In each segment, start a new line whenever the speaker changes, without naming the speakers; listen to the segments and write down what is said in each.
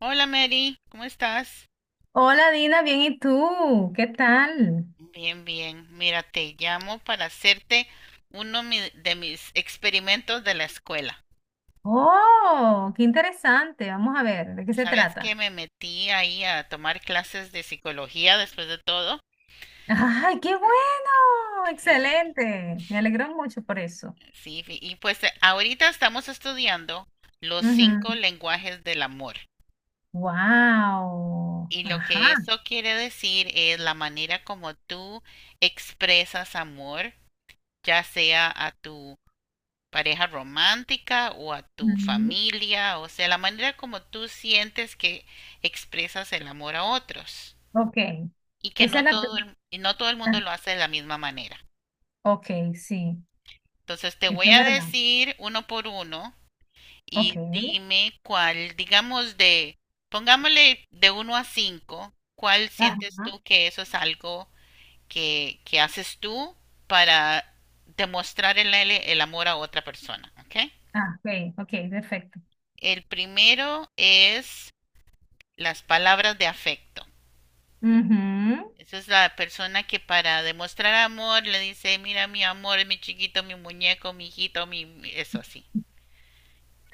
Hola Mary, ¿cómo estás?
Hola Dina, bien, ¿y tú? ¿Qué tal?
Bien, bien. Mira, te llamo para hacerte de mis experimentos de la escuela.
Oh, qué interesante. Vamos a ver, ¿de qué se
¿Sabes que
trata?
me metí ahí a tomar clases de psicología después de todo?
¡Ay, qué bueno!
Fíjate.
Excelente. Me alegro mucho por eso.
Sí, ahorita estamos estudiando los cinco lenguajes del amor.
Wow.
Y lo que
Ajá.
eso quiere decir es la manera como tú expresas amor, ya sea a tu pareja romántica o a tu
Ujú.
familia, o sea, la manera como tú sientes que expresas el amor a otros
Ok.
y que
Esa es la pregunta.
no todo el mundo lo hace de la misma manera.
Ok, sí.
Entonces te
Eso
voy
es
a
verdad.
decir uno por uno
Ok.
y dime cuál, digamos pongámosle de uno a cinco, cuál sientes
Ajá.
tú que eso es algo que haces tú para demostrar el amor a otra persona, ¿ok?
Ah, ok, ok, perfecto.
El primero es las palabras de afecto.
Ujú.
Esa es la persona que para demostrar amor le dice, mira mi amor, mi chiquito, mi muñeco, mi hijito, mi... eso así.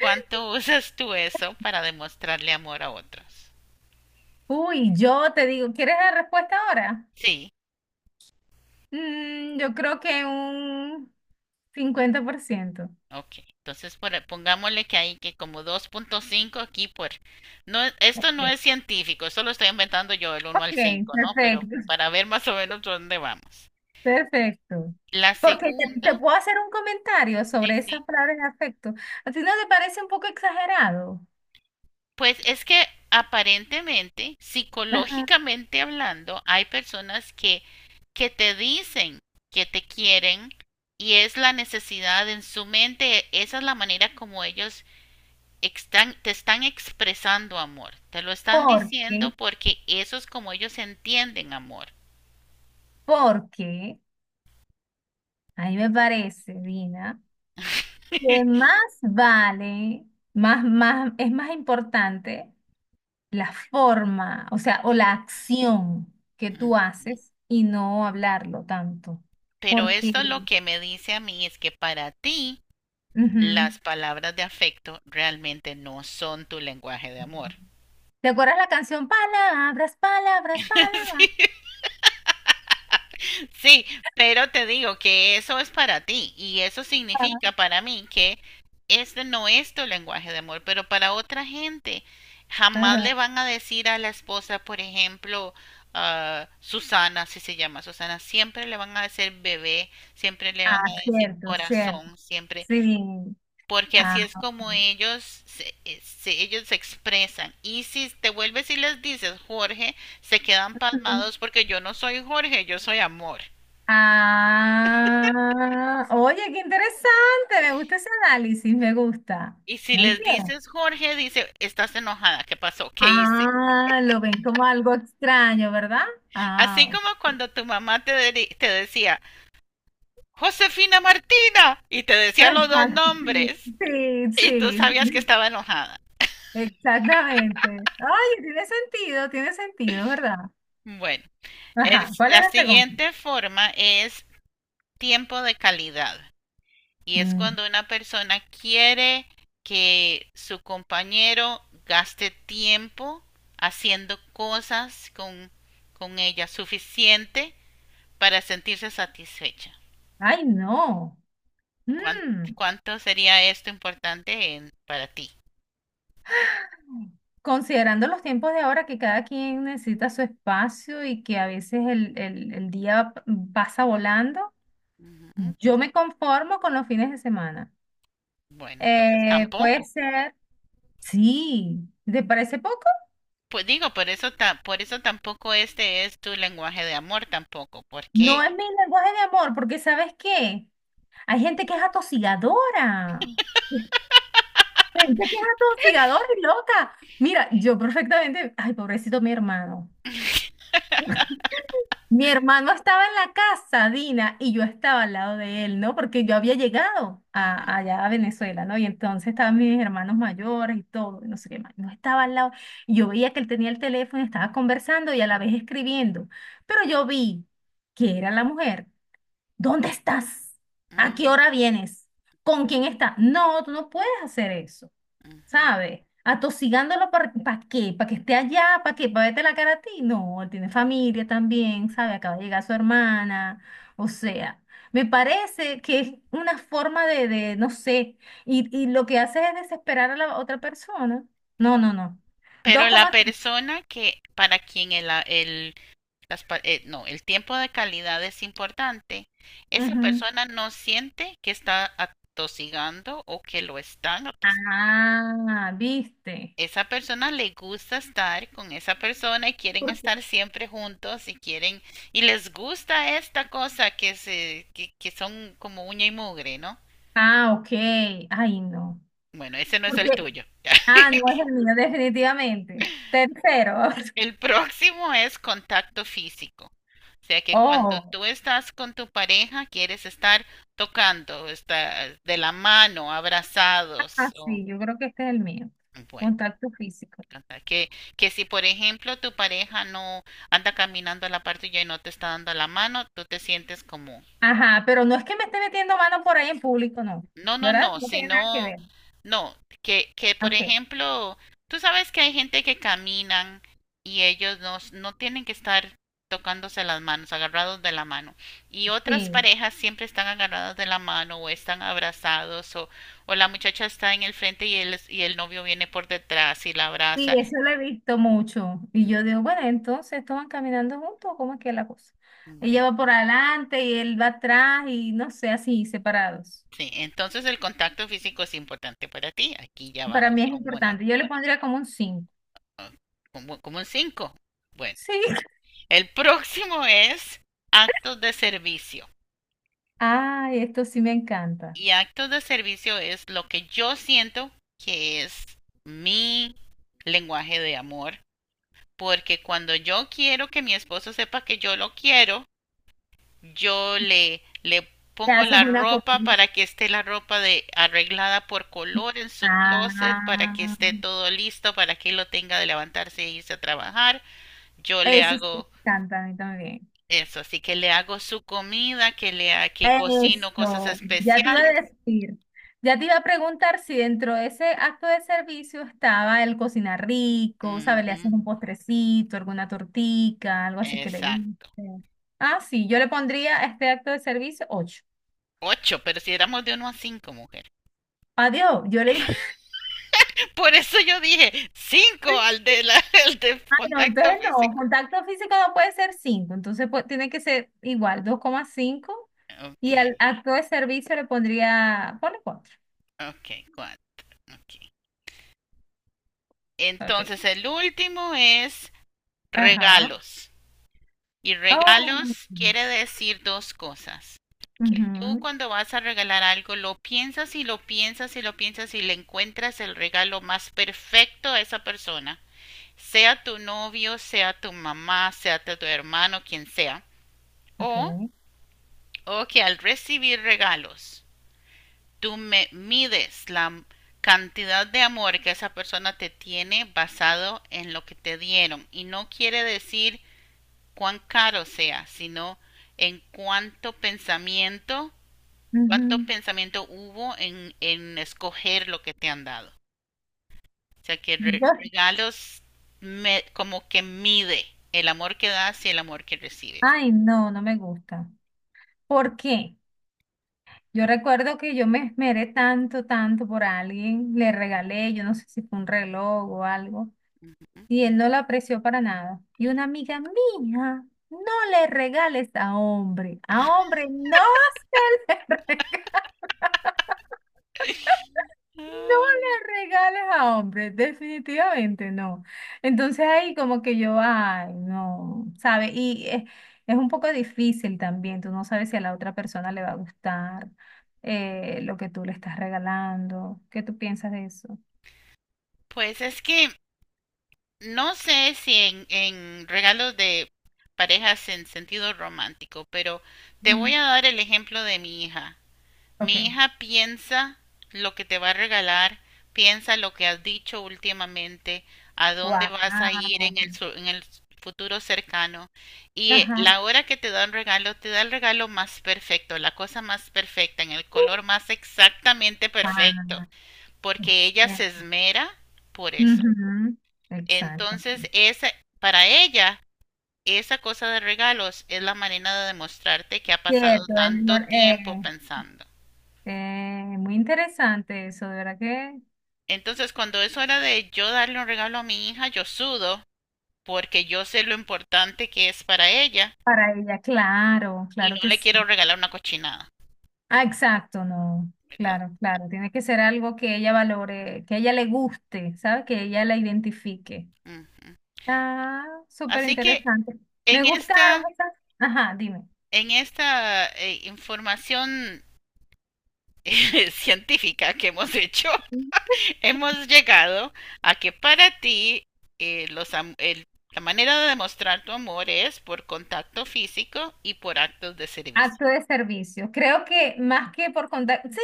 ¿Cuánto usas tú eso para demostrarle amor a otros?
Uy, yo te digo, ¿quieres la respuesta ahora?
Sí,
Mm, yo creo que un 50%.
ok. Entonces pongámosle que hay que como 2,5 aquí por... No, esto no
Ok,
es científico, esto lo estoy inventando yo, el uno al
ok,
cinco, ¿no? Pero
perfecto,
para ver más o menos dónde vamos.
perfecto.
La
Porque te
segunda,
puedo hacer un comentario
sí,
sobre esas
sí.
palabras de afecto. ¿A ti no te parece un poco exagerado?
Pues es que aparentemente,
Ajá.
psicológicamente hablando, hay personas que te dicen que te quieren y es la necesidad en su mente, esa es la manera como ellos están, te están expresando amor, te lo están
¿Por
diciendo
qué?
porque eso es como ellos entienden amor.
Porque a mí me parece, Dina, que más vale, más, es más importante la forma, o sea, o la acción que
Mm.
tú haces y no hablarlo tanto.
Pero
Porque,
esto lo que me dice a mí es que para ti
Ujú.
las palabras de afecto realmente no son tu lenguaje de amor.
¿Te acuerdas la canción Palabras, palabras,
Sí.
palabras?
Sí, pero te digo que eso es para ti y eso significa para mí que este no es tu lenguaje de amor, pero para otra gente jamás
Ajá.
le van a decir a la esposa, por ejemplo, ah, Susana, si se llama Susana, siempre le van a decir bebé, siempre le
Ah,
van a decir
cierto, cierto.
corazón, siempre,
Sí.
porque
Ah,
así es como ellos ellos se expresan. Y si te vuelves y les dices Jorge, se quedan
ujú.
palmados porque yo no soy Jorge, yo soy amor.
Ah, oye, qué interesante. Me gusta ese análisis, me gusta.
Y si
Muy
les
bien.
dices, Jorge, dice, estás enojada, ¿qué pasó? ¿Qué hice?
Ah, lo ven como algo extraño, ¿verdad? Ah,
Así
ok.
como cuando tu mamá te decía, Josefina Martina, y te decía los dos
Exacto, sí,
nombres,
sí,
y tú
sí, sí,
sabías que estaba enojada.
exactamente. Ay, tiene sentido, ¿verdad?
Bueno,
Ajá, ¿cuál es
la
la segunda?
siguiente forma es tiempo de calidad, y es
Mm,
cuando una persona quiere que su compañero gaste tiempo haciendo cosas con ella suficiente para sentirse satisfecha.
ay, no.
¿Cuán-
Mm,
¿Cuánto sería esto importante para ti?
considerando los tiempos de ahora que cada quien necesita su espacio y que a veces el día pasa volando,
Ujú.
yo me conformo con los fines de semana.
Bueno, entonces
Puede
tampoco.
ser, sí, ¿te parece poco?
Pues digo, por eso tampoco este es tu lenguaje de amor tampoco,
No
porque
es mi lenguaje de amor, porque ¿sabes qué? Hay gente que es atosigadora. Gente que es atosigadora y loca. Mira, yo perfectamente, ay, pobrecito mi hermano. Mi hermano estaba en la casa, Dina, y yo estaba al lado de él, ¿no? Porque yo había llegado a,
ujú,
allá a Venezuela, ¿no? Y entonces estaban mis hermanos mayores y todo, y no sé qué más. No estaba al lado. Y yo veía que él tenía el teléfono, y estaba conversando y a la vez escribiendo. Pero yo vi que era la mujer. ¿Dónde estás? ¿A qué
mm,
hora vienes? ¿Con quién estás? No, tú no puedes hacer eso,
ujú.
¿sabes? Atosigándolo ¿para qué? ¿Para que esté allá? ¿Para qué? ¿Para verte la cara a ti? No, él tiene familia también, ¿sabes? Acaba de llegar su hermana. O sea, me parece que es una forma de no sé, y lo que hace es desesperar a la otra persona. No, no, no. Dos
Pero la
comas.
persona que para quien el, a- el- las pa- no, el tiempo de calidad es importante, esa
Ujú.
persona no siente que está atosigando o que lo están atosigando.
Ah, ¿viste?
Esa persona le gusta estar con esa persona y quieren estar siempre juntos y quieren y les gusta esta cosa que se que son como uña y mugre, ¿no?
Ah, ok. Ay, no.
Bueno, ese no es el
Porque,
tuyo.
ah, no es el mío, definitivamente. Tercero.
el próximo es contacto físico. O sea que cuando
Oh,
tú estás con tu pareja quieres estar tocando, estar de la mano,
ah,
abrazados o
sí, yo creo que este es el mío.
bueno.
Contacto físico.
Que, que si, por ejemplo, tu pareja no anda caminando a la par tuya y no te está dando la mano, tú te sientes como,
Ajá, pero no es que me esté metiendo mano por ahí en público, no.
no, no,
¿Verdad?
no,
No tiene nada que
sino,
ver.
no, que por
Ok,
ejemplo, tú sabes que hay gente que caminan y ellos no, no tienen que estar tocándose las manos, agarrados de la mano. Y otras
sí.
parejas siempre están agarradas de la mano o están abrazados o la muchacha está en el frente y el novio viene por detrás y la
Sí,
abraza.
eso lo he visto mucho. Y yo digo, bueno, entonces, ¿estos van caminando juntos? ¿Cómo es que es la cosa?
Bueno,
Ella va por
entonces,
adelante y él va atrás y no sé, así, separados.
sí, entonces el contacto físico es importante para ti. Aquí ya
Para mí
vamos
es
con
importante. Yo le pondría como un cinco.
ah, como, un 5. Bueno,
Sí.
el próximo es actos de servicio.
Ay, esto sí me encanta.
Y actos de servicio es lo que yo siento que es mi lenguaje de amor. Porque cuando yo quiero que mi esposo sepa que yo lo quiero, yo le
Te
pongo
haces
la
una
ropa
comida.
para que esté la ropa de arreglada por color en su closet para que
Ah,
esté todo listo para que lo tenga de levantarse e irse a trabajar. Yo le
eso sí me
hago
encanta a mí también.
eso, así que le hago su comida, que cocino cosas
Eso, ya te iba a
especiales.
decir, ya te iba a preguntar si dentro de ese acto de servicio estaba el cocinar rico, ¿sabes? Le
Ujú,
haces un postrecito, alguna tortica, algo así que le
exacto.
guste. Ah, sí, yo le pondría a este acto de servicio 8.
Ocho, pero si éramos de uno a cinco, mujer.
Adiós, yo le...
Por eso yo dije cinco al de la, al de
Ah, no, entonces
contacto
no,
físico.
contacto físico no puede ser 5 entonces pues, tiene que ser igual, 2,5,
Ok,
y al acto de servicio le pondría, ponle cuatro.
ok, cuatro, ok.
Ok.
Entonces, el último es
Ajá.
regalos. Y
Oh.
regalos quiere decir dos cosas. Que tú
Ujú.
cuando vas a regalar algo lo piensas y lo piensas y lo piensas y le encuentras el regalo más perfecto a esa persona. Sea tu novio, sea tu mamá, sea tu hermano, quien sea. O,
Ok.
o que al recibir regalos tú me mides la cantidad de amor que esa persona te tiene basado en lo que te dieron. Y no quiere decir cuán caro sea, sino en cuánto
Ujú.
pensamiento hubo en escoger lo que te han dado. O sea que
Yo-
regalos como que mide el amor que das y el amor que recibes.
ay, no, no me gusta. ¿Por qué? Yo recuerdo que yo me esmeré tanto, tanto por alguien, le regalé, yo no sé si fue un reloj o algo, y él no la apreció para nada. Y una amiga mía, no le regales a hombre. A hombre no se le regala. No
Ah,
le regales a hombre, definitivamente no. Entonces ahí como que yo, ay, no, ¿sabe? Y es un poco difícil también, tú no sabes si a la otra persona le va a gustar lo que tú le estás regalando. ¿Qué tú piensas de eso?
pues es que no sé si en regalos de parejas en sentido romántico, pero te voy
Mm.
a dar el ejemplo de mi hija.
Ok.
Mi hija piensa lo que te va a regalar, piensa lo que has dicho últimamente, a dónde
Wow.
vas a ir en el futuro cercano. Y
Ajá.
la hora que te da un regalo, te da el regalo más perfecto, la cosa más perfecta, en el color más exactamente perfecto,
Ah,
porque ella se
exacto.
esmera por eso.
Ujú, exacto.
Entonces, esa, para ella, esa cosa de regalos es la manera de demostrarte que ha pasado
Cierto, Eleanor.
tanto tiempo pensando.
Muy interesante eso, de verdad que
Entonces, cuando es hora de yo darle un regalo a mi hija, yo sudo porque yo sé lo importante que es para ella
para ella, claro,
y
claro
no
que
le
sí.
quiero regalar una cochinada.
Ah, exacto, no.
¿Verdad?
Claro, claro. Tiene que ser algo que ella valore, que a ella le guste, ¿sabes? Que ella la identifique.
Ujú.
Ah, súper
Así que
interesante.
en
Me gustaron
esta,
esas. Ajá, dime.
en esta información científica que hemos hecho, hemos llegado a que para ti eh, los am- el- la manera de demostrar tu amor es por contacto físico y por actos de servicio.
Acto de servicio. Creo que más que por contacto, sí,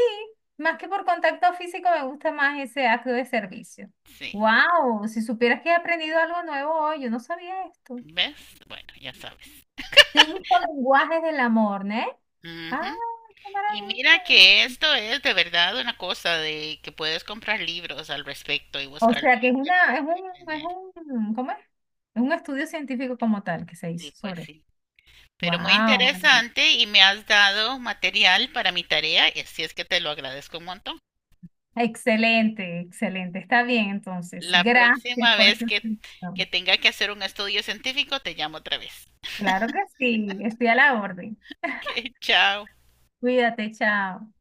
más que por contacto físico me gusta más ese acto de servicio.
Sí,
Wow, si supieras que he aprendido algo nuevo hoy, yo no sabía esto.
¿ves? Bueno, ya sabes.
Cinco lenguajes del amor, ¿no? Ah,
Ujú.
qué
Y mira que
maravilla.
esto es de verdad una cosa de que puedes comprar libros al respecto y
O
buscarlo
sea
en
que es una, es
internet y
un, es
aprender.
un, ¿cómo es? Es un estudio científico como tal que se
Sí,
hizo
pues
sobre.
sí. Pero muy
Wow,
interesante y me has dado material para mi tarea, y así es que te lo agradezco un montón.
excelente, excelente. Está bien, entonces.
La
Gracias
próxima
por
vez
esta
que
explicación.
tenga que hacer un estudio científico, te llamo otra vez.
Claro que sí, estoy a la orden.
Ok, chao.
Cuídate, chao.